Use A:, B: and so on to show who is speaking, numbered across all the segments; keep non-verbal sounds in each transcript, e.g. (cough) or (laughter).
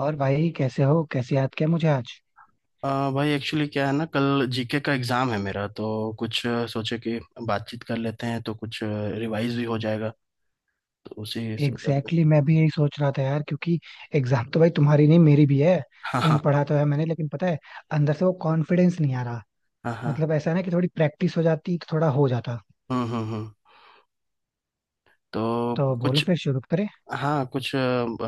A: और भाई कैसे हो, कैसे याद किया मुझे आज।
B: अ, भाई एक्चुअली क्या है ना, कल जीके का एग्जाम है मेरा। तो कुछ सोचे कि बातचीत कर लेते हैं तो कुछ रिवाइज भी हो जाएगा। तो उसी संदर्भ में।
A: एग्जैक्टली, मैं भी यही सोच रहा था यार, क्योंकि एग्जाम तो भाई तुम्हारी नहीं, मेरी भी है।
B: (laughs) हाँ
A: लेकिन
B: हाँ।
A: पढ़ा तो है मैंने, लेकिन पता है, अंदर से वो कॉन्फिडेंस नहीं आ रहा।
B: हाँ हाँ।
A: मतलब ऐसा ना कि थोड़ी प्रैक्टिस हो जाती तो थोड़ा हो जाता।
B: हम्म। तो
A: तो बोलो
B: कुछ।
A: फिर शुरू करें।
B: हाँ, कुछ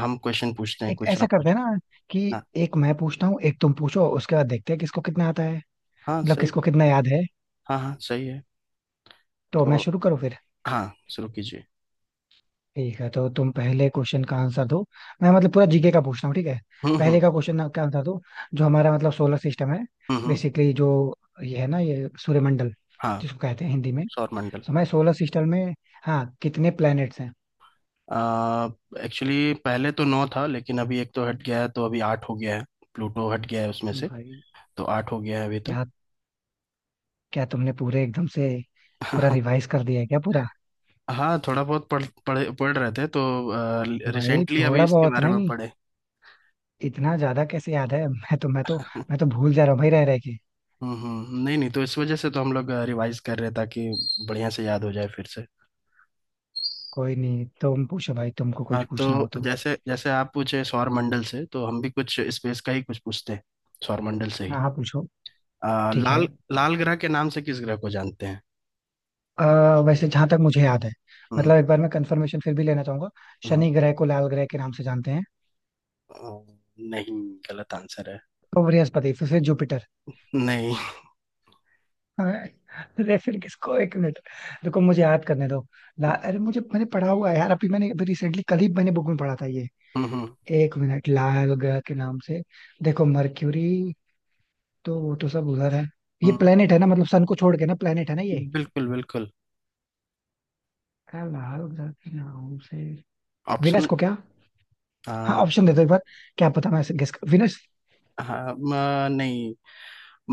B: हम क्वेश्चन पूछते हैं
A: एक
B: कुछ,
A: ऐसा
B: आप
A: करते
B: कुछ।
A: हैं ना कि
B: हाँ
A: एक मैं पूछता हूँ, एक तुम पूछो, उसके बाद देखते हैं किसको कितना आता है,
B: हाँ,
A: मतलब
B: सही।
A: किसको कितना याद है।
B: हाँ हाँ, सही है।
A: तो मैं
B: तो
A: शुरू करूँ फिर।
B: हाँ, शुरू कीजिए।
A: ठीक है, तो तुम पहले क्वेश्चन का आंसर दो। मैं मतलब पूरा जीके का पूछ रहा हूँ, ठीक है।
B: हम्म
A: पहले
B: हम्म
A: का क्वेश्चन का आंसर दो। जो हमारा मतलब सोलर सिस्टम है,
B: हम्म, हम्म।
A: बेसिकली जो ये है ना, ये सूर्यमंडल
B: हाँ,
A: जिसको कहते हैं हिंदी में।
B: सौर मंडल।
A: तो मैं सोलर सिस्टम में, हाँ कितने प्लैनेट्स हैं।
B: एक्चुअली पहले तो नौ था, लेकिन अभी एक तो हट गया है तो अभी आठ हो गया है। प्लूटो हट गया है उसमें से।
A: भाई
B: तो आठ हो गया है अभी तो।
A: क्या, क्या तुमने पूरे एकदम से पूरा
B: (laughs)
A: रिवाइज कर दिया है क्या, पूरा?
B: हाँ, थोड़ा बहुत पढ़ रहे थे तो
A: भाई
B: रिसेंटली अभी
A: थोड़ा
B: इसके
A: बहुत
B: बारे में
A: नहीं,
B: पढ़े।
A: इतना ज्यादा कैसे याद है? (laughs) मैं तो भूल जा रहा हूँ भाई रह रह के।
B: हम्म। नहीं नहीं, तो इस वजह से तो हम लोग रिवाइज कर रहे हैं ताकि बढ़िया से याद हो जाए फिर से।
A: कोई नहीं, तुम पूछो भाई, तुमको
B: हाँ
A: कुछ
B: तो,
A: पूछना हो तो।
B: जैसे जैसे आप पूछे सौर मंडल से, तो हम भी कुछ स्पेस का ही कुछ पूछते हैं, सौर मंडल से ही।
A: हाँ हाँ पूछो। ठीक है।
B: लाल लाल ग्रह के नाम से किस ग्रह को जानते हैं?
A: अ, वैसे जहां तक मुझे याद है,
B: हम्म
A: मतलब एक बार मैं कंफर्मेशन फिर भी लेना चाहूंगा।
B: हम्म।
A: शनि ग्रह को लाल ग्रह के नाम से जानते हैं?
B: अ, नहीं, गलत आंसर है।
A: तो बृहस्पति, फिर से जुपिटर?
B: नहीं।
A: हाँ, (laughs) अरे फिर किसको, एक मिनट। देखो मुझे याद करने दो। ला अरे मुझे, मैंने पढ़ा हुआ है यार, अभी मैंने अभी रिसेंटली कल ही मैंने बुक में पढ़ा था ये।
B: हम्म हम्म,
A: एक मिनट, लाल ग्रह के नाम से। देखो मर्क्यूरी, तो वो तो सब उधर है। ये
B: हम्म।
A: प्लेनेट है ना, मतलब सन को छोड़ के ना, प्लेनेट है ना ये।
B: बिल्कुल बिल्कुल।
A: क्या लाल ग्रह के नाम से विनस
B: ऑप्शन।
A: को? क्या, हाँ
B: आ,
A: ऑप्शन दे दो एक बार। क्या पता मैं गेस कर, विनस?
B: हाँ, नहीं,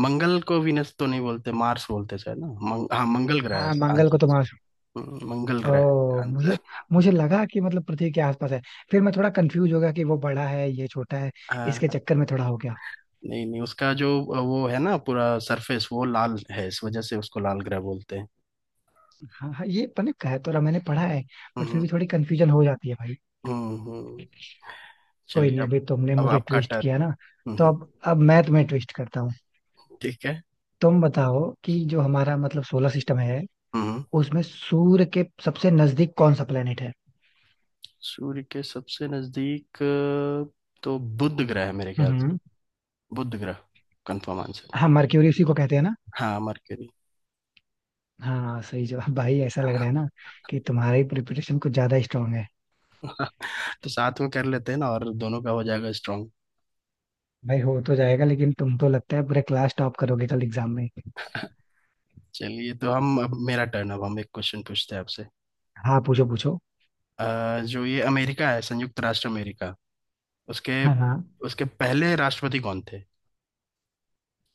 B: मंगल को वीनस तो नहीं बोलते, मार्स बोलते शायद ना। हाँ, मंगल ग्रह है
A: हाँ मंगल को
B: आंसर
A: तो,
B: इसका। मंगल ग्रह।
A: ओ मुझे,
B: आंसर।
A: मुझे लगा कि मतलब पृथ्वी के आसपास है। फिर मैं थोड़ा कंफ्यूज हो गया कि वो बड़ा है ये छोटा है।
B: हाँ
A: इसके
B: हाँ,
A: चक्कर में थोड़ा हो गया।
B: नहीं नहीं, उसका जो वो है ना, पूरा सरफेस वो लाल है, इस वजह से उसको लाल ग्रह बोलते हैं।
A: हाँ हाँ ये पता, कह तो रहा मैंने पढ़ा है। बट फिर
B: हम्म
A: भी थोड़ी कंफ्यूजन हो जाती है भाई।
B: हम्म हम्म।
A: कोई
B: चलिए
A: नहीं,
B: अब।
A: अभी तुमने
B: अब
A: मुझे
B: आपका
A: ट्विस्ट
B: टर्न।
A: किया ना,
B: हम्म
A: तो
B: हम्म,
A: अब मैं तुम्हें ट्विस्ट करता हूँ।
B: ठीक है।
A: तुम बताओ कि जो हमारा मतलब सोलर सिस्टम है,
B: हम्म हम्म।
A: उसमें सूर्य के सबसे नजदीक कौन सा प्लेनेट है?
B: सूर्य के सबसे नजदीक, तो बुध ग्रह है मेरे ख्याल से।
A: हम्म।
B: बुध ग्रह, कंफर्म आंसर।
A: हाँ मरक्यूरी उसी को कहते हैं ना।
B: हाँ, मरकरी।
A: हाँ सही जवाब भाई, ऐसा लग रहा है ना कि तुम्हारी प्रिपरेशन कुछ ज्यादा स्ट्रांग है।
B: (laughs) तो साथ में कर लेते हैं ना, और दोनों का हो जाएगा स्ट्रांग।
A: भाई हो तो जाएगा, लेकिन तुम तो लगता है पूरे क्लास टॉप करोगे कल एग्जाम में।
B: चलिए, तो हम अब मेरा टर्न। अब हम एक क्वेश्चन पूछते हैं आपसे।
A: हाँ पूछो पूछो।
B: जो ये अमेरिका है, संयुक्त राष्ट्र अमेरिका, उसके
A: हाँ हाँ।
B: उसके पहले राष्ट्रपति कौन थे?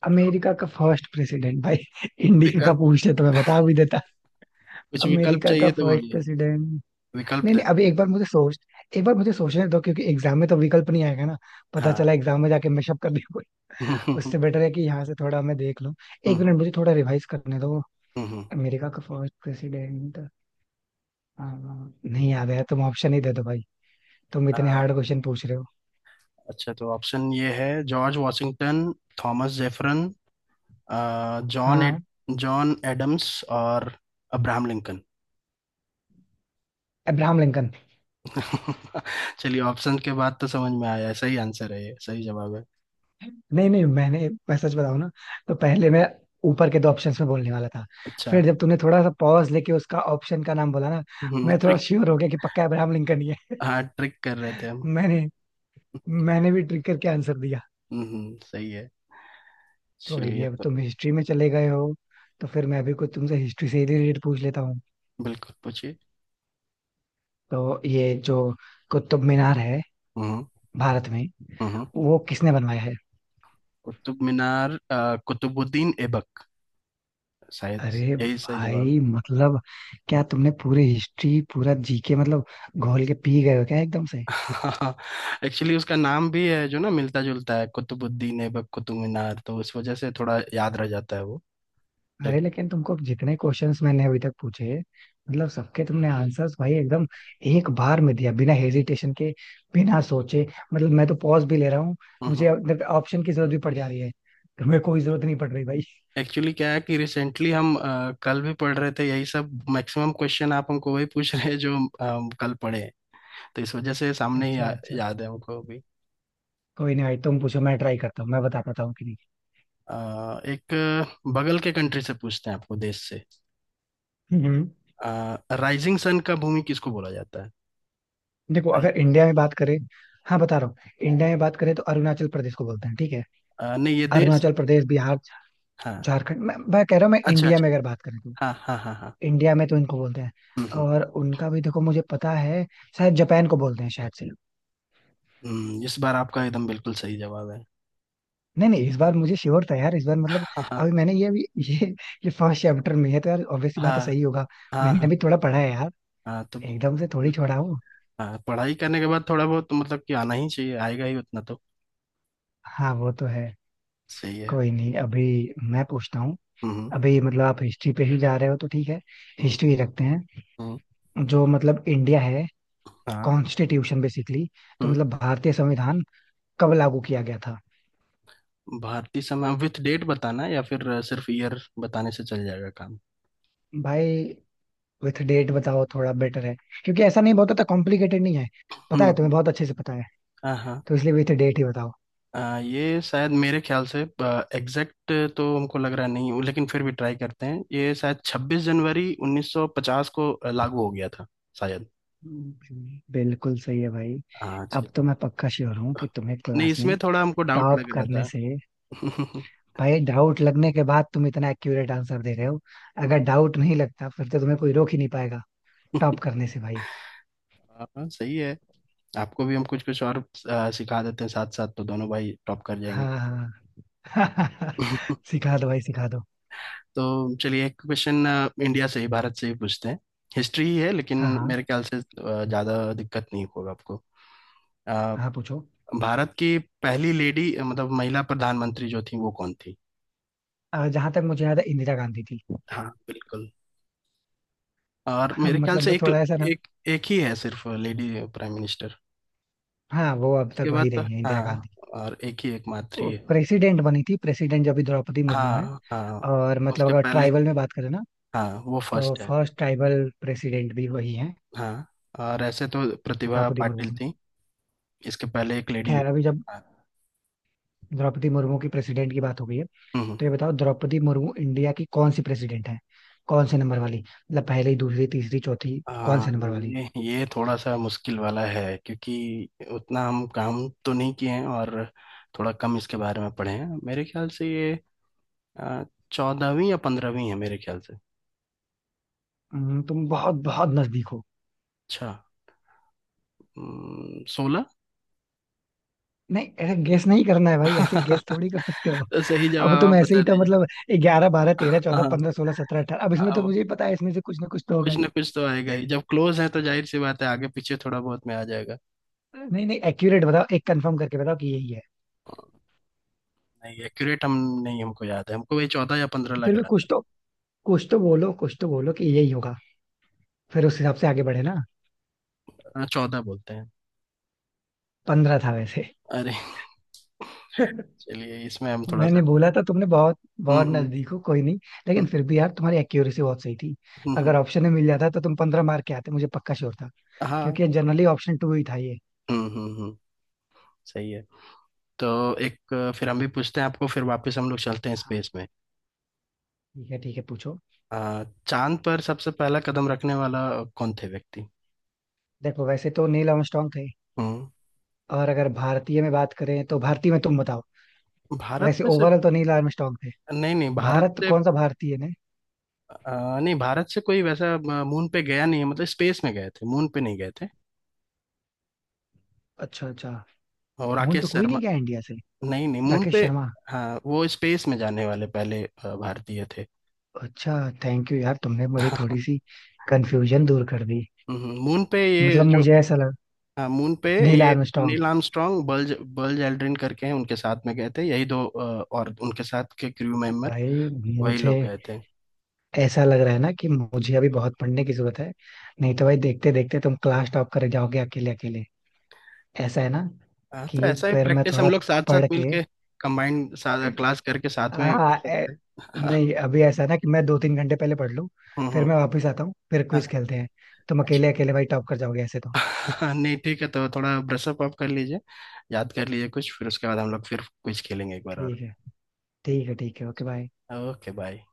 A: अमेरिका का फर्स्ट प्रेसिडेंट भाई? (laughs) इंडिया का
B: विकल्प।
A: पूछते तो मैं बता भी देता।
B: कुछ विकल्प
A: अमेरिका का
B: चाहिए तो
A: फर्स्ट
B: बोलिए।
A: प्रेसिडेंट,
B: विकल्प
A: नहीं
B: दे
A: नहीं अभी
B: दे।
A: एक बार मुझे सोच, एक बार मुझे सोचने दो, क्योंकि एग्जाम में तो विकल्प नहीं आएगा ना। पता
B: हाँ।
A: चला एग्जाम में जाके मैशअप कर दिया। (laughs) कोई,
B: (laughs) हम्म
A: उससे बेटर है कि यहाँ से थोड़ा मैं देख लूँ। एक
B: हम्म
A: मिनट मुझे थोड़ा रिवाइज करने दो।
B: हम्म।
A: अमेरिका का फर्स्ट प्रेसिडेंट नहीं याद है, तुम ऑप्शन ही दे दो भाई, तुम
B: अ,
A: इतने हार्ड क्वेश्चन पूछ रहे हो।
B: अच्छा, तो ऑप्शन ये है। जॉर्ज वॉशिंगटन, थॉमस जेफरन, अ, जॉन एड,
A: हाँ।
B: जॉन एडम्स और अब्राहम लिंकन।
A: Abraham Lincoln.
B: (laughs) चलिए, ऑप्शन के बाद तो समझ में आया। सही आंसर है ये, सही जवाब है।
A: नहीं नहीं, मैंने, मैं सच बताऊं ना, तो पहले मैं ऊपर के दो ऑप्शंस में बोलने वाला था।
B: अच्छा।
A: फिर जब तूने थोड़ा सा पॉज लेके उसका ऑप्शन का नाम बोला ना,
B: हम्म,
A: मैं थोड़ा श्योर हो गया कि पक्का अब्राहम लिंकन ही है।
B: हाँ ट्रिक कर रहे थे हम।
A: मैंने मैंने भी ट्रिक करके आंसर दिया।
B: हम्म, सही है।
A: कोई नहीं,
B: चलिए
A: अब
B: तो।
A: तुम हिस्ट्री में चले गए हो, तो फिर मैं भी कुछ तुमसे हिस्ट्री से रिलेटेड पूछ लेता हूँ।
B: बिल्कुल पूछिए।
A: तो ये जो कुतुब मीनार है
B: हम्म
A: भारत में,
B: हम्म।
A: वो किसने बनवाया है?
B: कुतुब मीनार, कुतुबुद्दीन ऐबक शायद।
A: अरे
B: यही सही जवाब।
A: भाई मतलब, क्या तुमने पूरी हिस्ट्री पूरा जीके मतलब घोल के पी गए हो क्या एकदम से?
B: (laughs) एक्चुअली उसका नाम भी है जो ना, मिलता जुलता है, कुतुबुद्दीन ऐबक, कुतुब मीनार, तो उस वजह से थोड़ा याद रह जाता है वो।
A: अरे
B: ट्रिक।
A: लेकिन तुमको जितने क्वेश्चंस मैंने अभी तक पूछे, मतलब सबके तुमने आंसर्स भाई एकदम एक बार में दिया, बिना हेजिटेशन के, बिना सोचे। मतलब मैं तो पॉज भी ले रहा हूँ, मुझे ऑप्शन की जरूरत भी पड़ जा रही है, तुम्हें कोई जरूरत नहीं पड़ रही भाई।
B: एक्चुअली क्या है कि रिसेंटली हम कल भी पढ़ रहे थे यही सब। मैक्सिमम क्वेश्चन आप हमको वही पूछ रहे हैं जो हम कल पढ़े हैं। तो इस वजह से सामने ही
A: अच्छा अच्छा।
B: याद है हमको।
A: कोई नहीं भाई, तुम पूछो, मैं ट्राई करता हूँ मैं बता पाता हूँ कि नहीं।
B: एक बगल के कंट्री से पूछते हैं आपको, देश से।
A: हम्म।
B: राइजिंग सन का भूमि किसको बोला जाता है?
A: देखो अगर
B: Rising-
A: इंडिया में बात करें, हाँ बता रहा हूँ, इंडिया में बात करें तो अरुणाचल प्रदेश को बोलते हैं, ठीक है।
B: नहीं, ये देश है।
A: अरुणाचल प्रदेश, बिहार,
B: हाँ,
A: झारखंड, मैं कह रहा हूँ, मैं
B: अच्छा
A: इंडिया
B: अच्छा।
A: में अगर बात करें तो
B: हाँ हाँ, हाँ हाँ।
A: इंडिया में तो इनको बोलते हैं।
B: हम्म हम्म
A: और उनका भी देखो मुझे पता है, शायद जापान को बोलते हैं शायद से।
B: इस बार आपका एकदम बिल्कुल सही जवाब है।
A: नहीं नहीं, इस बार मुझे श्योर था यार, इस बार मतलब
B: हाँ हाँ,
A: अभी मैंने ये अभी (laughs) ये ये फर्स्ट चैप्टर में है तो यार ऑब्वियसली बात
B: हाँ
A: है सही होगा।
B: हाँ,
A: मैंने
B: हाँ
A: भी थोड़ा पढ़ा है यार,
B: हाँ, तो
A: एकदम से थोड़ी
B: बिल्कुल।
A: छोड़ा हूँ।
B: हाँ, पढ़ाई करने के बाद थोड़ा बहुत तो मतलब कि आना ही चाहिए, आएगा ही उतना तो।
A: हाँ वो तो है।
B: सही है।
A: कोई नहीं, अभी मैं पूछता हूँ।
B: हम्म हम्म
A: अभी मतलब आप हिस्ट्री पे ही जा रहे हो तो ठीक है,
B: हम्म,
A: हिस्ट्री ही रखते हैं।
B: हम्म,
A: जो मतलब इंडिया है,
B: हाँ
A: कॉन्स्टिट्यूशन, बेसिकली तो
B: हम्म।
A: मतलब भारतीय संविधान कब लागू किया गया था?
B: भारतीय समय विथ डेट बताना है या फिर सिर्फ ईयर बताने से चल जाएगा काम?
A: भाई विथ डेट बताओ, थोड़ा बेटर है, क्योंकि ऐसा नहीं बहुत कॉम्प्लिकेटेड नहीं है, पता है
B: हम्म,
A: तुम्हें बहुत अच्छे से पता है,
B: हाँ हाँ।
A: तो इसलिए विथ डेट ही बताओ।
B: ये शायद मेरे ख्याल से, एग्जैक्ट तो हमको लग रहा नहीं, लेकिन फिर भी ट्राई करते हैं, ये शायद 26 जनवरी 1950 को लागू हो गया था शायद।
A: बिल्कुल सही है भाई।
B: हाँ
A: अब
B: जी।
A: तो मैं पक्का श्योर हूँ कि तुम्हें
B: नहीं,
A: क्लास में
B: इसमें थोड़ा हमको डाउट
A: टॉप
B: लग रहा
A: करने से
B: था। (laughs)
A: भाई, डाउट लगने के बाद तुम इतना एक्यूरेट आंसर दे रहे हो, अगर डाउट नहीं लगता फिर तो तुम्हें कोई रोक ही नहीं पाएगा टॉप करने से भाई।
B: हाँ, सही है। आपको भी हम कुछ कुछ और सिखा देते हैं साथ साथ, तो दोनों भाई टॉप कर जाएंगे।
A: हाँ। हाँ, (laughs)
B: (laughs)
A: सिखा दो भाई सिखा दो।
B: तो चलिए, एक क्वेश्चन। इंडिया से ही, भारत से ही पूछते हैं। हिस्ट्री ही है, लेकिन
A: हाँ हाँ।
B: मेरे ख्याल से ज़्यादा दिक्कत नहीं होगा आपको।
A: हाँ पूछो।
B: भारत की पहली लेडी, मतलब महिला प्रधानमंत्री जो थी वो कौन थी?
A: जहां तक मुझे याद है इंदिरा गांधी थी। (laughs)
B: हाँ, बिल्कुल। और मेरे ख्याल
A: मतलब
B: से
A: मैं
B: एक
A: थोड़ा ऐसा ना,
B: एक एक ही है सिर्फ, लेडी प्राइम मिनिस्टर।
A: हाँ वो अब तक
B: उसके बाद
A: वही
B: तो,
A: रही है इंदिरा
B: हाँ।
A: गांधी।
B: और एक ही, एकमात्र ही है।
A: प्रेसिडेंट बनी थी, प्रेसिडेंट जो अभी द्रौपदी मुर्मू है,
B: हाँ हाँ,
A: और मतलब
B: उसके
A: अगर
B: पहले।
A: ट्राइबल में बात करें ना
B: हाँ, वो
A: तो
B: फर्स्ट है।
A: फर्स्ट ट्राइबल प्रेसिडेंट भी वही है,
B: हाँ, और ऐसे तो प्रतिभा
A: द्रौपदी मुर्मू
B: पाटिल
A: है।
B: थी, इसके पहले एक लेडी।
A: खैर, अभी जब
B: हाँ,
A: द्रौपदी मुर्मू की प्रेसिडेंट की बात हो गई है,
B: हम्म।
A: तो ये बताओ द्रौपदी मुर्मू इंडिया की कौन सी प्रेसिडेंट है, कौन से नंबर वाली, मतलब पहली, दूसरी, तीसरी, चौथी, कौन
B: हाँ,
A: से नंबर वाली?
B: ये थोड़ा सा मुश्किल वाला है, क्योंकि उतना हम काम तो नहीं किए हैं, और थोड़ा कम इसके बारे में पढ़े हैं। मेरे ख्याल से ये 14वीं या 15वीं है, मेरे ख्याल से।
A: तुम बहुत बहुत नजदीक हो।
B: अच्छा, 16?
A: नहीं ऐसे गेस नहीं करना है भाई, ऐसे गेस थोड़ी
B: (laughs)
A: कर सकते हो।
B: तो सही
A: अब
B: जवाब
A: तुम
B: आप
A: ऐसे
B: बता
A: ही तो
B: दीजिए।
A: मतलब ग्यारह, बारह, तेरह, चौदह,
B: हाँ,
A: पंद्रह, सोलह, सत्रह, अठारह, अब इसमें तो
B: अब
A: मुझे ही पता है इसमें से कुछ ना कुछ तो होगा।
B: कुछ ना कुछ तो आएगा ही, जब क्लोज है तो जाहिर सी बात है, आगे पीछे थोड़ा बहुत में आ जाएगा।
A: नहीं नहीं एक्यूरेट बताओ, एक कंफर्म करके बताओ कि यही है।
B: नहीं, एक्यूरेट हम नहीं, हमको याद है, हमको वही 14 या 15
A: फिर
B: लग
A: भी कुछ
B: रहा
A: तो, कुछ तो बोलो कि यही होगा, फिर उस हिसाब से आगे बढ़े ना।
B: था। 14 बोलते हैं।
A: पंद्रह था वैसे।
B: अरे!
A: (laughs)
B: चलिए, इसमें हम थोड़ा
A: मैंने
B: सा।
A: बोला था तुमने बहुत
B: हम्म
A: बहुत
B: हम्म
A: नजदीक हो, कोई नहीं, लेकिन
B: हम्म,
A: फिर भी यार तुम्हारी एक्यूरेसी बहुत सही थी।
B: हम्म
A: अगर
B: हम्म,
A: ऑप्शन में मिल जाता तो तुम पंद्रह मार्क के आते, मुझे पक्का श्योर था,
B: हाँ
A: क्योंकि जनरली ऑप्शन टू ही था ये।
B: हम्म, सही है। तो एक फिर हम भी पूछते हैं आपको। फिर वापस हम लोग चलते हैं
A: हाँ,
B: स्पेस में।
A: ठीक है पूछो।
B: चांद पर सबसे पहला कदम रखने वाला कौन थे व्यक्ति?
A: देखो वैसे तो नील आर्मस्ट्रांग थे,
B: हम्म,
A: और अगर भारतीय में बात करें तो भारतीय में तुम बताओ।
B: भारत
A: वैसे
B: में से।
A: ओवरऑल तो नील आर्मस्ट्रांग थे।
B: नहीं नहीं, भारत
A: भारत,
B: से।
A: कौन सा भारतीय ने?
B: नहीं, भारत से कोई वैसा मून पे गया नहीं है। मतलब स्पेस में गए थे, मून पे नहीं गए थे।
A: अच्छा अच्छा।
B: और
A: फोन पे
B: राकेश
A: कोई
B: शर्मा।
A: नहीं गया इंडिया से?
B: नहीं नहीं, मून
A: राकेश
B: पे।
A: शर्मा।
B: हाँ, वो स्पेस में जाने वाले पहले भारतीय थे।
A: अच्छा, थैंक यू यार, तुमने मेरी थोड़ी
B: (laughs)
A: सी कंफ्यूजन दूर कर दी।
B: मून पे ये
A: मतलब
B: जो।
A: मुझे ऐसा लग,
B: हाँ, मून पे
A: नील
B: ये
A: आर्मस्ट्रांग।
B: नील आर्मस्ट्रॉन्ग, बल्ज बल्ज एल्ड्रिन करके हैं, उनके साथ में गए थे, यही दो और उनके साथ के क्रू मेंबर,
A: भाई
B: वही
A: मुझे
B: लोग गए थे।
A: ऐसा लग रहा है ना कि मुझे अभी बहुत पढ़ने की जरूरत है, नहीं तो भाई देखते देखते तुम क्लास टॉप कर जाओगे अकेले अकेले, ऐसा है ना,
B: हाँ, तो
A: कि
B: ऐसा ही
A: फिर मैं
B: प्रैक्टिस हम
A: थोड़ा
B: लोग साथ साथ
A: पढ़
B: मिल
A: के।
B: के, कंबाइंड क्लास करके साथ में कर
A: हाँ
B: सकते हैं। (laughs) हाँ,
A: नहीं, अभी ऐसा है ना कि मैं 2 3 घंटे पहले पढ़ लूँ, फिर
B: हम्म।
A: मैं वापस आता हूँ फिर
B: हाँ।
A: क्विज खेलते हैं। तुम अकेले अकेले भाई टॉप कर जाओगे ऐसे तो।
B: अच्छा। (laughs) नहीं, ठीक है तो थोड़ा ब्रशअप अप कर लीजिए, याद कर लीजिए कुछ, फिर उसके बाद हम लोग फिर कुछ खेलेंगे एक बार और।
A: ठीक है, ठीक है ठीक है, ओके बाय।
B: Okay, bye.